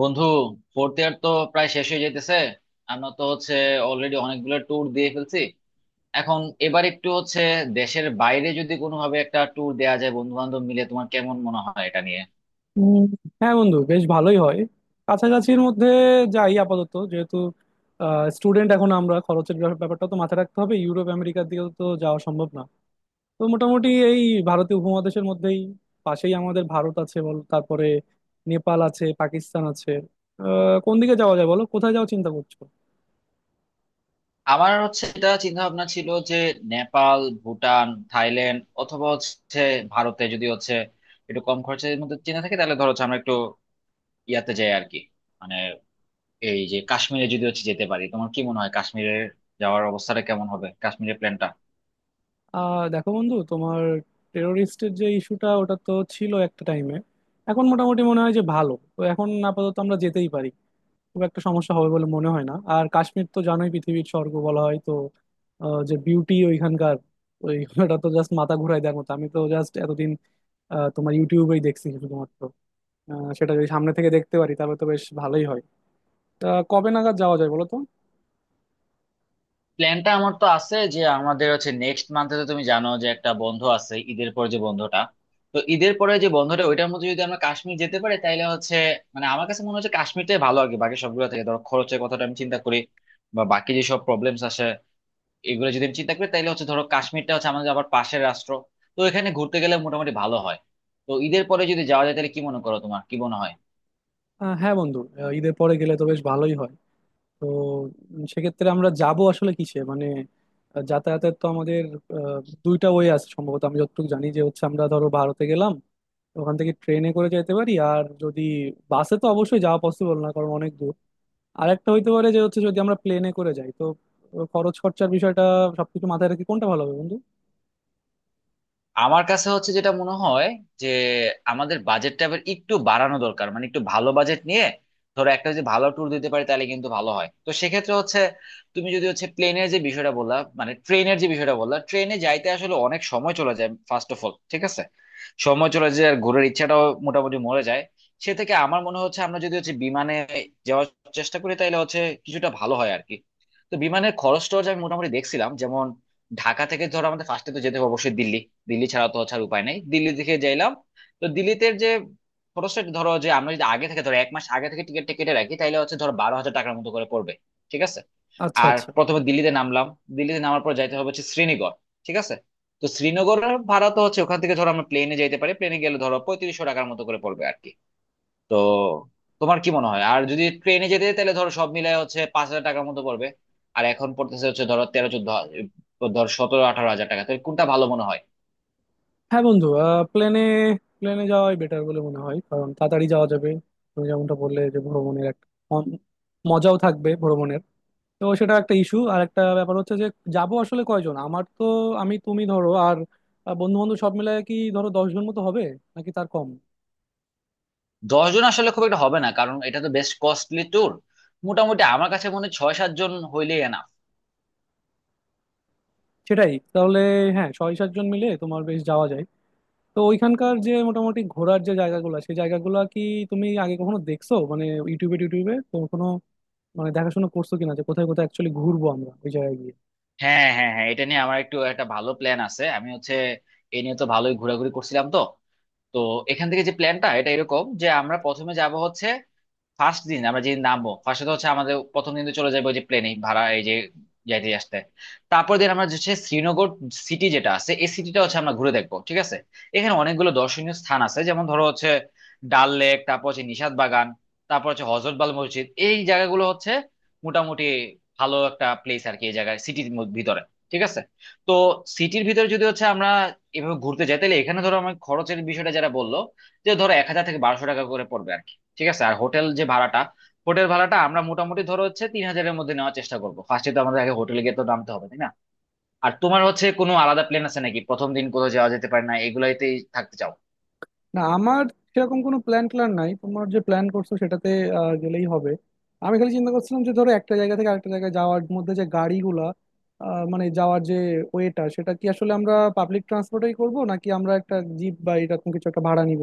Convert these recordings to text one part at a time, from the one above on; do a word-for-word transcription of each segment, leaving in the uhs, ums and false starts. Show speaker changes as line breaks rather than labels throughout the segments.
বন্ধু, fourth year তো প্রায় শেষ হয়ে যেতেছে। আমরা তো হচ্ছে অলরেডি অনেকগুলো ট্যুর দিয়ে ফেলছি। এখন এবার একটু হচ্ছে দেশের বাইরে যদি কোনোভাবে একটা ট্যুর দেওয়া যায় বন্ধু বান্ধব মিলে, তোমার কেমন মনে হয় এটা নিয়ে?
উম, হ্যাঁ বন্ধু, বেশ ভালোই হয়। কাছাকাছির মধ্যে যাই আপাতত, যেহেতু স্টুডেন্ট এখন আমরা, খরচের ব্যাপ- ব্যাপারটা তো মাথায় রাখতে হবে। ইউরোপ আমেরিকার দিকে তো যাওয়া সম্ভব না, তো মোটামুটি এই ভারতীয় উপমহাদেশের মধ্যেই। পাশেই আমাদের ভারত আছে বল, তারপরে নেপাল আছে, পাকিস্তান আছে। আহ, কোন দিকে যাওয়া যায় বলো, কোথায় যাওয়ার চিন্তা করছো?
আমার হচ্ছে এটা চিন্তা ভাবনা ছিল যে নেপাল, ভুটান, থাইল্যান্ড অথবা হচ্ছে ভারতে যদি হচ্ছে একটু কম খরচের মধ্যে চিন্তা থাকে, তাহলে ধরো হচ্ছে আমরা একটু ইয়াতে যাই আর কি। মানে এই যে কাশ্মীরে যদি হচ্ছে যেতে পারি, তোমার কি মনে হয় কাশ্মীরের যাওয়ার অবস্থাটা কেমন হবে, কাশ্মীরের প্ল্যানটা?
আহ দেখো বন্ধু, তোমার টেরোরিস্টের যে ইস্যুটা, ওটা তো ছিল একটা টাইমে। এখন মোটামুটি মনে হয় যে ভালো, তো এখন আপাতত আমরা যেতেই পারি। খুব একটা সমস্যা হবে বলে মনে হয় না। আর কাশ্মীর তো জানোই, পৃথিবীর স্বর্গ বলা হয় তো। আহ, যে বিউটি ওইখানকার, ওই ওটা তো জাস্ট মাথা ঘুরাই দেওয়ার মতো। আমি তো জাস্ট এতদিন আহ, তোমার ইউটিউবেই দেখছি শুধুমাত্র। আহ, সেটা যদি সামনে থেকে দেখতে পারি তাহলে তো বেশ ভালোই হয়। তা কবে নাগাদ যাওয়া যায় বলো তো?
প্ল্যানটা আমার তো আছে যে আমাদের হচ্ছে নেক্সট মান্থে, তো তুমি জানো যে একটা বন্ধ আছে ঈদের পর, যে বন্ধটা, তো ঈদের পরে যে বন্ধটা ওইটার মধ্যে যদি আমরা কাশ্মীর যেতে পারি তাহলে হচ্ছে, মানে আমার কাছে মনে হচ্ছে কাশ্মীরটাই ভালো আগে বাকি সবগুলো থেকে। ধরো খরচের কথাটা আমি চিন্তা করি বা বাকি যেসব প্রবলেমস আসে, এগুলো যদি আমি চিন্তা করি তাহলে হচ্ছে ধরো কাশ্মীরটা হচ্ছে আমাদের আবার পাশের রাষ্ট্র। তো এখানে ঘুরতে গেলে মোটামুটি ভালো হয়। তো ঈদের পরে যদি যাওয়া যায় তাহলে কি মনে করো, তোমার কি মনে হয়?
আহ, হ্যাঁ বন্ধু, আহ, ঈদের পরে গেলে তো বেশ ভালোই হয়। তো উম, সেক্ষেত্রে আমরা যাব আসলে কিসে, মানে আহ, যাতায়াতের তো আমাদের আহ, দুইটা ওয়ে আছে সম্ভবত, আমি যতটুকু জানি যে হচ্ছে আমরা ধরো ভারতে গেলাম, ওখান থেকে ট্রেনে করে যেতে পারি। আর যদি বাসে, তো অবশ্যই যাওয়া পসিবল না, কারণ অনেক দূর। আর একটা হইতে পারে যে হচ্ছে, যদি আমরা প্লেনে করে যাই। তো আহ, খরচ খরচার বিষয়টা, সবকিছু মাথায় রেখে কোনটা ভালো হবে বন্ধু?
আমার কাছে হচ্ছে যেটা মনে হয় যে আমাদের বাজেটটা এবার একটু বাড়ানো দরকার, মানে একটু ভালো বাজেট নিয়ে ধরো একটা যদি ভালো ট্যুর দিতে পারি তাহলে কিন্তু ভালো হয়। তো সেক্ষেত্রে হচ্ছে, তুমি যদি হচ্ছে প্লেনের যে বিষয়টা বললা, মানে ট্রেনের যে বিষয়টা বললা, ট্রেনে যাইতে আসলে অনেক সময় চলে যায়। ফার্স্ট অফ অল ঠিক আছে, সময় চলে যায়, আর ঘোরার ইচ্ছাটাও মোটামুটি মরে যায়। সে থেকে আমার মনে হচ্ছে আমরা যদি হচ্ছে বিমানে যাওয়ার চেষ্টা করি তাহলে হচ্ছে কিছুটা ভালো হয় আর কি। তো বিমানের খরচ টরচ আমি মোটামুটি দেখছিলাম। ঢাকা থেকে ধরো আমাদের ফার্স্টে তো যেতে হবে অবশ্যই দিল্লি, দিল্লি ছাড়া তো হচ্ছে আর উপায় নাই। দিল্লি থেকে যাইলাম, তো দিল্লিতে যে খরচটা ধরো, যে আমরা যদি আগে থেকে ধরো এক মাস আগে থেকে টিকিট কেটে রাখি তাহলে হচ্ছে ধরো বারো হাজার টাকার মতো করে পড়বে। ঠিক আছে,
আচ্ছা
আর
আচ্ছা।
প্রথমে দিল্লিতে নামলাম, দিল্লিতে নামার পর যাইতে হবে হচ্ছে শ্রীনগর। ঠিক আছে, তো শ্রীনগরের ভাড়া তো হচ্ছে ওখান থেকে ধরো আমরা প্লেনে যাইতে পারি, প্লেনে গেলে ধরো পঁয়ত্রিশশো টাকার মতো করে পড়বে আর কি। তো তোমার কি মনে হয়? আর যদি ট্রেনে যেতে তাহলে ধরো সব মিলায় হচ্ছে পাঁচ হাজার টাকার মতো পড়বে, আর এখন পড়তেছে হচ্ছে ধরো তেরো চোদ্দ, ধর সতেরো আঠারো হাজার টাকা, তাহলে কোনটা ভালো মনে হয়?
হ্যাঁ বন্ধু, প্লেনে, প্লেনে যাওয়াই বেটার বলে মনে হয়, কারণ তাড়াতাড়ি যাওয়া যাবে। তুমি যেমনটা বললে যে ভ্রমণের একটা অন- মজাও থাকবে ভ্রমণের, তো সেটা একটা ইস্যু। আর একটা ব্যাপার হচ্ছে যে যাব আসলে কয়জন? আমার তো আমি তুমি ধরো আর বন্ধু বান্ধব সব মিলে কি ধরো দশ জন মতো হবে, নাকি তার কম?
দশ জন আসলে খুব একটা হবে না, কারণ এটা তো বেশ কস্টলি ট্যুর। মোটামুটি আমার কাছে মনে হয় ছয় সাত জন হইলেই না?
সেটাই তাহলে। হ্যাঁ, ছয় সাতজন মিলে তোমার বেশ যাওয়া যায়। তো ওইখানকার যে মোটামুটি ঘোরার যে জায়গাগুলো, সেই জায়গাগুলো কি তুমি আগে কখনো দেখছো মানে ইউটিউবে টিউটিউবে তো, কোনো মানে দেখাশোনা করছো কিনা যে কোথায় কোথায় অ্যাকচুয়ালি ঘুরবো আমরা ওই জায়গায় গিয়ে?
হ্যাঁ হ্যাঁ হ্যাঁ, এটা নিয়ে আমার একটু একটা ভালো প্ল্যান আছে। আমি হচ্ছে এ নিয়ে তো ভালোই ঘোরাঘুরি করছিলাম। তো তো এখান থেকে যে প্ল্যানটা, এটা এরকম যে আমরা প্রথমে যাব হচ্ছে, ফার্স্ট দিন আমরা যেদিন নামবো ফার্স্টে তো হচ্ছে আমাদের প্রথম দিন তো চলে যাবে ওই যে প্লেনে ভাড়া, এই যে যাইতে আসতে। তারপর দিন আমরা হচ্ছে শ্রীনগর সিটি যেটা আছে এই সিটিটা হচ্ছে আমরা ঘুরে দেখবো। ঠিক আছে, এখানে অনেকগুলো দর্শনীয় স্থান আছে, যেমন ধরো হচ্ছে ডাল লেক, তারপর হচ্ছে নিশাত বাগান, তারপর হচ্ছে হজরতবাল মসজিদ। এই জায়গাগুলো হচ্ছে মোটামুটি ভালো একটা প্লেস আর কি, এই জায়গায় সিটির ভিতরে। ঠিক আছে, তো সিটির ভিতরে যদি হচ্ছে আমরা এভাবে ঘুরতে যাই তাহলে এখানে ধরো আমার খরচের বিষয়টা যারা বললো যে ধরো এক হাজার থেকে বারোশো টাকা করে পড়বে। ঠিক আছে, আর হোটেল যে ভাড়াটা, হোটেল ভাড়াটা আমরা মোটামুটি ধরো হচ্ছে তিন হাজারের মধ্যে নেওয়ার চেষ্টা করবো। ফার্স্টে তো আমাদের আগে হোটেলে গিয়ে তো নামতে হবে, তাই না? আর তোমার হচ্ছে কোনো আলাদা প্ল্যান আছে নাকি? প্রথম দিন কোথাও যাওয়া যেতে পারে না, এগুলাইতেই থাকতে চাও?
না, আমার সেরকম কোনো প্ল্যান ট্যান নাই, তোমার যে প্ল্যান করছো সেটাতে আহ, গেলেই হবে। আমি খালি চিন্তা করছিলাম যে ধরো একটা জায়গা থেকে আরেকটা জায়গায় যাওয়ার মধ্যে যে গাড়িগুলা, আহ, মানে যাওয়ার যে ওয়েটা, সেটা কি আসলে আমরা পাবলিক ট্রান্সপোর্টেই করব, নাকি আমরা একটা জিপ বা এরকম কিছু একটা ভাড়া নিব?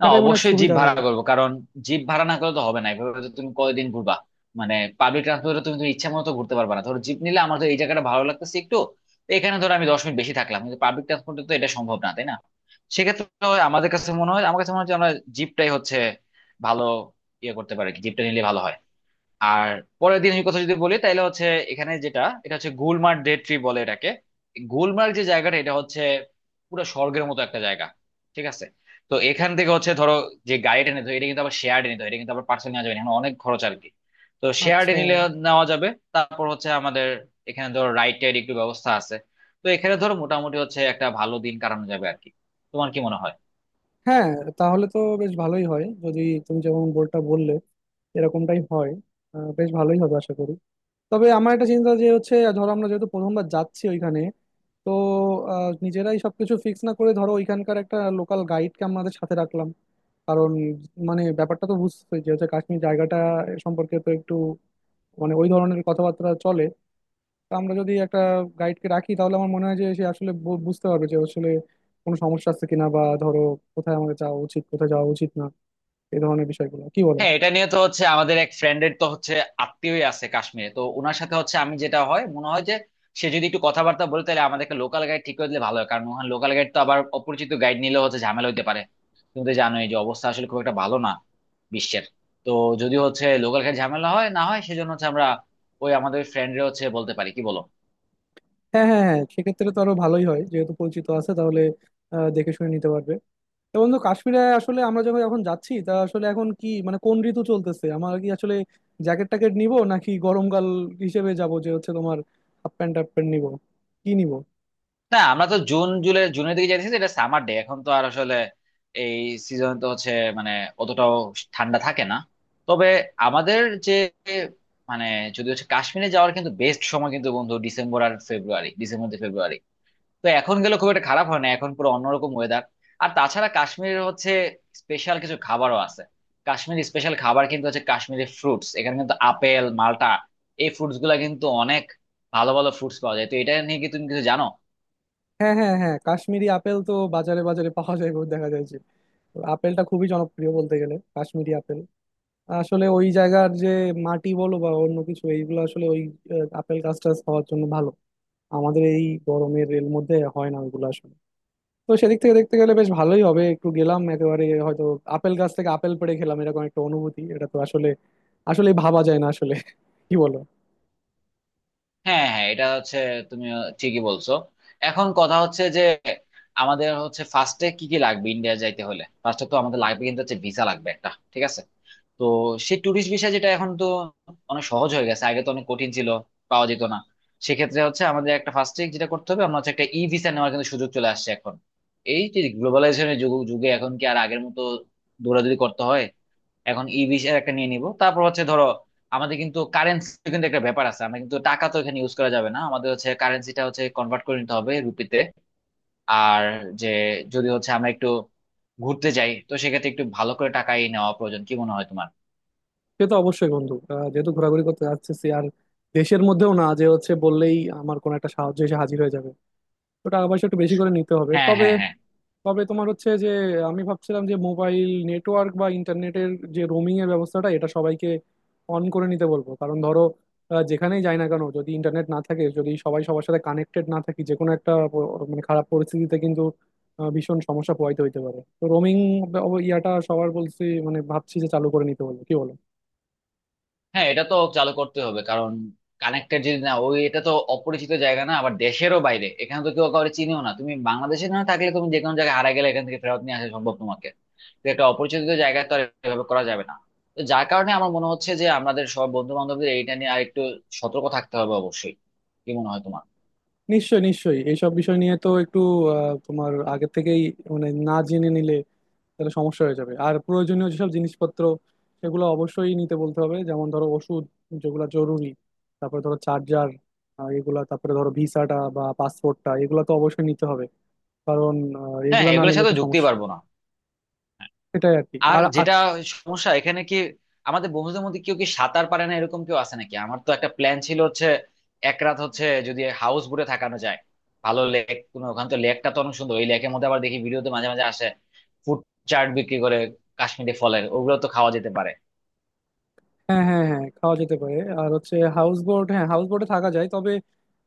না,
সেটাই মনে হয়
অবশ্যই জিপ
সুবিধার
ভাড়া
হয়।
করবো, কারণ জিপ ভাড়া না করলে তো হবে না। এভাবে তো তুমি কয়দিন ঘুরবা? মানে পাবলিক ট্রান্সপোর্টে তুমি তুমি ইচ্ছা মতো তো ঘুরতে পারবা না। ধরো জিপ নিলে আমার তো এই জায়গাটা ভালো লাগতেছে একটু, তো এখানে ধরো আমি দশ মিনিট বেশি থাকলাম, কিন্তু পাবলিক ট্রান্সপোর্টে তো এটা সম্ভব না, তাই না? সেক্ষেত্রে হয় আমাদের কাছে মনে হয়, আমার কাছে মনে হয় যে আমরা জিপটাই হচ্ছে ভালো ইয়ে করতে পারি, জিপটা নিলে ভালো হয়। আর পরের দিনের কথা যদি বলি তাহলে হচ্ছে, এখানে যেটা এটা হচ্ছে গুলমার্গ ডে ট্রি বলে এটাকে। গুলমার্গ যে জায়গাটা এটা হচ্ছে পুরো স্বর্গের মতো একটা জায়গা। ঠিক আছে, তো এখান থেকে হচ্ছে ধরো যে গাড়িটা নিতে হয় এটা কিন্তু আবার শেয়ার নিতে হয়, এটা কিন্তু আবার পার্সেল নেওয়া যাবে না, এখানে অনেক খরচ আর কি। তো শেয়ার
আচ্ছা।
নিলে নেওয়া যাবে। তারপর হচ্ছে আমাদের এখানে ধরো রাইড টাইড একটু ব্যবস্থা আছে। তো এখানে ধরো মোটামুটি হচ্ছে একটা ভালো দিন কাটানো যাবে আর কি। তোমার কি মনে হয়?
হ্যাঁ, তাহলে তো বেশ ভালোই হয় যদি তুমি যেমন বলটা বললে এরকমটাই হয়। আহ, বেশ ভালোই হবে আশা করি। তবে আমার একটা চিন্তা যে হচ্ছে, ধরো আমরা যেহেতু প্রথমবার যাচ্ছি ওইখানে, তো আহ, নিজেরাই সবকিছু ফিক্স না করে ধরো ওইখানকার একটা লোকাল গাইডকে আমাদের সাথে রাখলাম। কারণ মানে ব্যাপারটা তো বুঝতে, যে হচ্ছে কাশ্মীর জায়গাটা সম্পর্কে তো একটু মানে ওই ধরনের কথাবার্তা চলে। তো আমরা যদি একটা গাইডকে রাখি তাহলে আমার মনে হয় যে সে আসলে বু- বুঝতে পারবে যে আসলে কোনো সমস্যা আছে কিনা, বা ধরো কোথায় আমাদের যাওয়া উচিত কোথায় যাওয়া উচিত না, এই ধরনের বিষয়গুলো, কি বলো?
হ্যাঁ, এটা নিয়ে তো হচ্ছে আমাদের এক ফ্রেন্ডের তো হচ্ছে আত্মীয়ই আছে কাশ্মীরে, তো ওনার সাথে হচ্ছে আমি যেটা হয় মনে হয় যে সে যদি একটু কথাবার্তা বলে তাহলে আমাদেরকে লোকাল গাইড ঠিক করে দিলে ভালো হয়, কারণ ওখানে লোকাল গাইড তো আবার অপরিচিত গাইড নিলে হচ্ছে ঝামেলা হইতে পারে। তুমি তো জানোই যে অবস্থা আসলে খুব একটা ভালো না বিশ্বের। তো যদি হচ্ছে লোকাল গাইড ঝামেলা হয় না হয় সেজন্য হচ্ছে আমরা ওই আমাদের ফ্রেন্ডরে হচ্ছে বলতে পারি, কি বলো?
হ্যাঁ হ্যাঁ হ্যাঁ, সেক্ষেত্রে তো আরো ভালোই হয়, যেহেতু পরিচিত আছে তাহলে আহ, দেখে শুনে নিতে পারবে। তো বন্ধু কাশ্মীরে আসলে আমরা যখন এখন যাচ্ছি, তা আসলে এখন কি মানে কোন ঋতু চলতেছে? আমরা কি আসলে জ্যাকেট ট্যাকেট নিব, নাকি গরমকাল হিসেবে যাব যে হচ্ছে তোমার হাফ প্যান্ট হাফ প্যান্ট নিবো, কি নিব?
না, আমরা তো জুন জুলাই, জুনের দিকে যাইতেছি, এটা সামার ডে। এখন তো আর আসলে এই সিজন তো হচ্ছে মানে অতটাও ঠান্ডা থাকে না। তবে আমাদের যে, মানে যদি হচ্ছে কাশ্মীরে যাওয়ার কিন্তু বেস্ট সময় কিন্তু বন্ধু ডিসেম্বর আর ফেব্রুয়ারি, ডিসেম্বর থেকে ফেব্রুয়ারি। তো এখন গেলে খুব একটা খারাপ হয় না, এখন পুরো অন্যরকম ওয়েদার। আর তাছাড়া কাশ্মীরের হচ্ছে স্পেশাল কিছু খাবারও আছে। কাশ্মীর স্পেশাল খাবার কিন্তু হচ্ছে কাশ্মীরি ফ্রুটস, এখানে কিন্তু আপেল, মাল্টা, এই ফ্রুটস গুলা কিন্তু অনেক ভালো ভালো ফ্রুটস পাওয়া যায়। তো এটা নিয়ে কি তুমি কিছু জানো?
হ্যাঁ হ্যাঁ হ্যাঁ, কাশ্মীরি আপেল তো বাজারে বাজারে পাওয়া যায় গো, দেখা যায় যে। তো আপেলটা খুবই জনপ্রিয় বলতে গেলে, কাশ্মীরি আপেল। আসলে ওই জায়গার যে মাটি বলো বা অন্য কিছু, এইগুলো আসলে ওই আহ, আপেল গাছ টাছ হওয়ার জন্য ভালো। আমাদের এই গরমের রেল মধ্যে হয় না ওইগুলো আসলে। তো সেদিক থেকে দেখতে গেলে বেশ ভালোই হবে, একটু গেলাম, একেবারে হয়তো আপেল গাছ থেকে আপেল পেড়ে খেলাম, এরকম একটা অনুভূতি, এটা তো আসলে আসলে ভাবা যায় না আসলে, কি বলো?
হ্যাঁ হ্যাঁ, এটা হচ্ছে, তুমি ঠিকই বলছো। এখন কথা হচ্ছে যে আমাদের হচ্ছে ফার্স্টে কি কি লাগবে ইন্ডিয়া যাইতে হলে? ফার্স্টে তো আমাদের লাগবে কিন্তু হচ্ছে ভিসা, লাগবে একটা। ঠিক আছে, তো সেই ট্যুরিস্ট ভিসা যেটা এখন তো অনেক সহজ হয়ে গেছে, আগে তো অনেক কঠিন ছিল, পাওয়া যেত না। সেক্ষেত্রে হচ্ছে আমাদের একটা ফার্স্টে যেটা করতে হবে, আমরা হচ্ছে একটা ই ভিসা নেওয়ার কিন্তু সুযোগ চলে আসছে এখন। এই যে গ্লোবালাইজেশনের যুগ, যুগে এখন কি আর আগের মতো দৌড়াদৌড়ি করতে হয়? এখন ই ভিসার একটা নিয়ে নিব। তারপর হচ্ছে ধরো আমাদের কিন্তু কারেন্সি কিন্তু একটা ব্যাপার আছে, আমরা কিন্তু টাকা তো এখানে ইউজ করা যাবে না, আমাদের হচ্ছে কারেন্সিটা হচ্ছে কনভার্ট করে নিতে হবে রুপিতে। আর যে যদি হচ্ছে আমরা একটু ঘুরতে যাই তো সেক্ষেত্রে একটু ভালো করে টাকাই নেওয়া প্রয়োজন, কি মনে হয় তোমার?
সে তো অবশ্যই বন্ধু, আহ, যেহেতু ঘোরাঘুরি করতে যাচ্ছি আর দেশের মধ্যেও না যে হচ্ছে বললেই আমার কোনো একটা সাহায্য এসে হাজির হয়ে যাবে, তো টাকা পয়সা একটু বেশি করে নিতে হবে
হ্যাঁ
তবে।
হ্যাঁ হ্যাঁ।
তবে তোমার হচ্ছে যে, আমি ভাবছিলাম যে মোবাইল নেটওয়ার্ক বা ইন্টারনেটের যে রোমিং এর ব্যবস্থাটা, এটা সবাইকে অন করে নিতে বলবো। কারণ ধরো আহ, যেখানেই যাই না কেন যদি ইন্টারনেট না থাকে, যদি সবাই সবার সাথে কানেক্টেড না থাকি, যে কোনো একটা প- মানে খারাপ পরিস্থিতিতে কিন্তু আহ, ভীষণ সমস্যা পোহাইতে হইতে পারে। তো রোমিং ইয়াটা সবার বলছি, মানে ভাবছি যে চালু করে নিতে বলবো, কি বলো?
হ্যাঁ, এটা তো চালু করতে হবে, কারণ কানেক্টেড যদি না, ওই এটা তো অপরিচিত জায়গা, না আবার দেশেরও বাইরে, এখানে তো কেউ কাউকে চিনিও না। তুমি বাংলাদেশে না থাকলে, তুমি যে কোনো জায়গায় হারা গেলে এখান থেকে ফেরত নিয়ে আসা সম্ভব তোমাকে, তো একটা অপরিচিত জায়গায় তো আর এভাবে করা যাবে না। তো যার কারণে আমার মনে হচ্ছে যে আমাদের সব বন্ধু বান্ধবদের এইটা নিয়ে আর একটু সতর্ক থাকতে হবে অবশ্যই। কি মনে হয় তোমার?
নিশ্চয়ই নিশ্চয়ই, এইসব বিষয় নিয়ে তো একটু আহ, তোমার আগের থেকেই মানে না জেনে নিলে তাহলে সমস্যা হয়ে যাবে। আর প্রয়োজনীয় যেসব জিনিসপত্র সেগুলো অবশ্যই নিতে বলতে হবে, যেমন ধরো ওষুধ, যেগুলো জরুরি, তারপরে ধরো চার্জার এগুলা, তারপরে ধরো ভিসাটা বা পাসপোর্টটা, এগুলো তো অবশ্যই নিতে হবে। কারণ আহ,
হ্যাঁ
এগুলা
হ্যাঁ,
না
এগুলোর
নিলে
সাথে
তো
ঢুকতেই
সমস্যা।
পারবো না।
এটাই আর কি।
আর
আর আর
যেটা সমস্যা এখানে, কি আমাদের বন্ধুদের মধ্যে কেউ কি সাঁতার পারে না, এরকম কেউ আছে নাকি? আমার তো একটা প্ল্যান ছিল হচ্ছে এক রাত হচ্ছে যদি হাউস বোটে থাকানো যায় ভালো, লেক কোনো ওখানে তো লেকটা তো অনেক সুন্দর। ওই লেকের মধ্যে আবার দেখি ভিডিওতে মাঝে মাঝে আসে ফুড চাট বিক্রি করে, কাশ্মীরি ফলের ওগুলো তো খাওয়া যেতে পারে।
হ্যাঁ হ্যাঁ হ্যাঁ, খাওয়া যেতে পারে। আর হচ্ছে হাউস বোট, হ্যাঁ হাউস বোটে থাকা যায়। তবে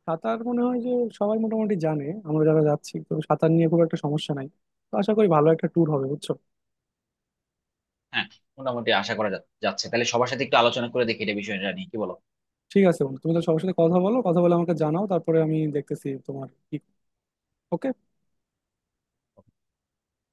সাঁতার মনে হয় যে সবাই মোটামুটি জানে আমরা যারা যাচ্ছি, তো সাঁতার নিয়ে খুব একটা সমস্যা নাই। তো আশা করি ভালো একটা ট্যুর হবে, বুঝছো?
হ্যাঁ, মোটামুটি আশা করা যা- যাচ্ছে তাহলে সবার সাথে একটু আলোচনা করে দেখি এটা বিষয়টা নিয়ে, কি বলো?
ঠিক আছে বন্ধু, তুমি তাহলে সবার সাথে কথা বলো, কথা বলে আমাকে জানাও, তারপরে আমি দেখতেছি তোমার কি। ওকে।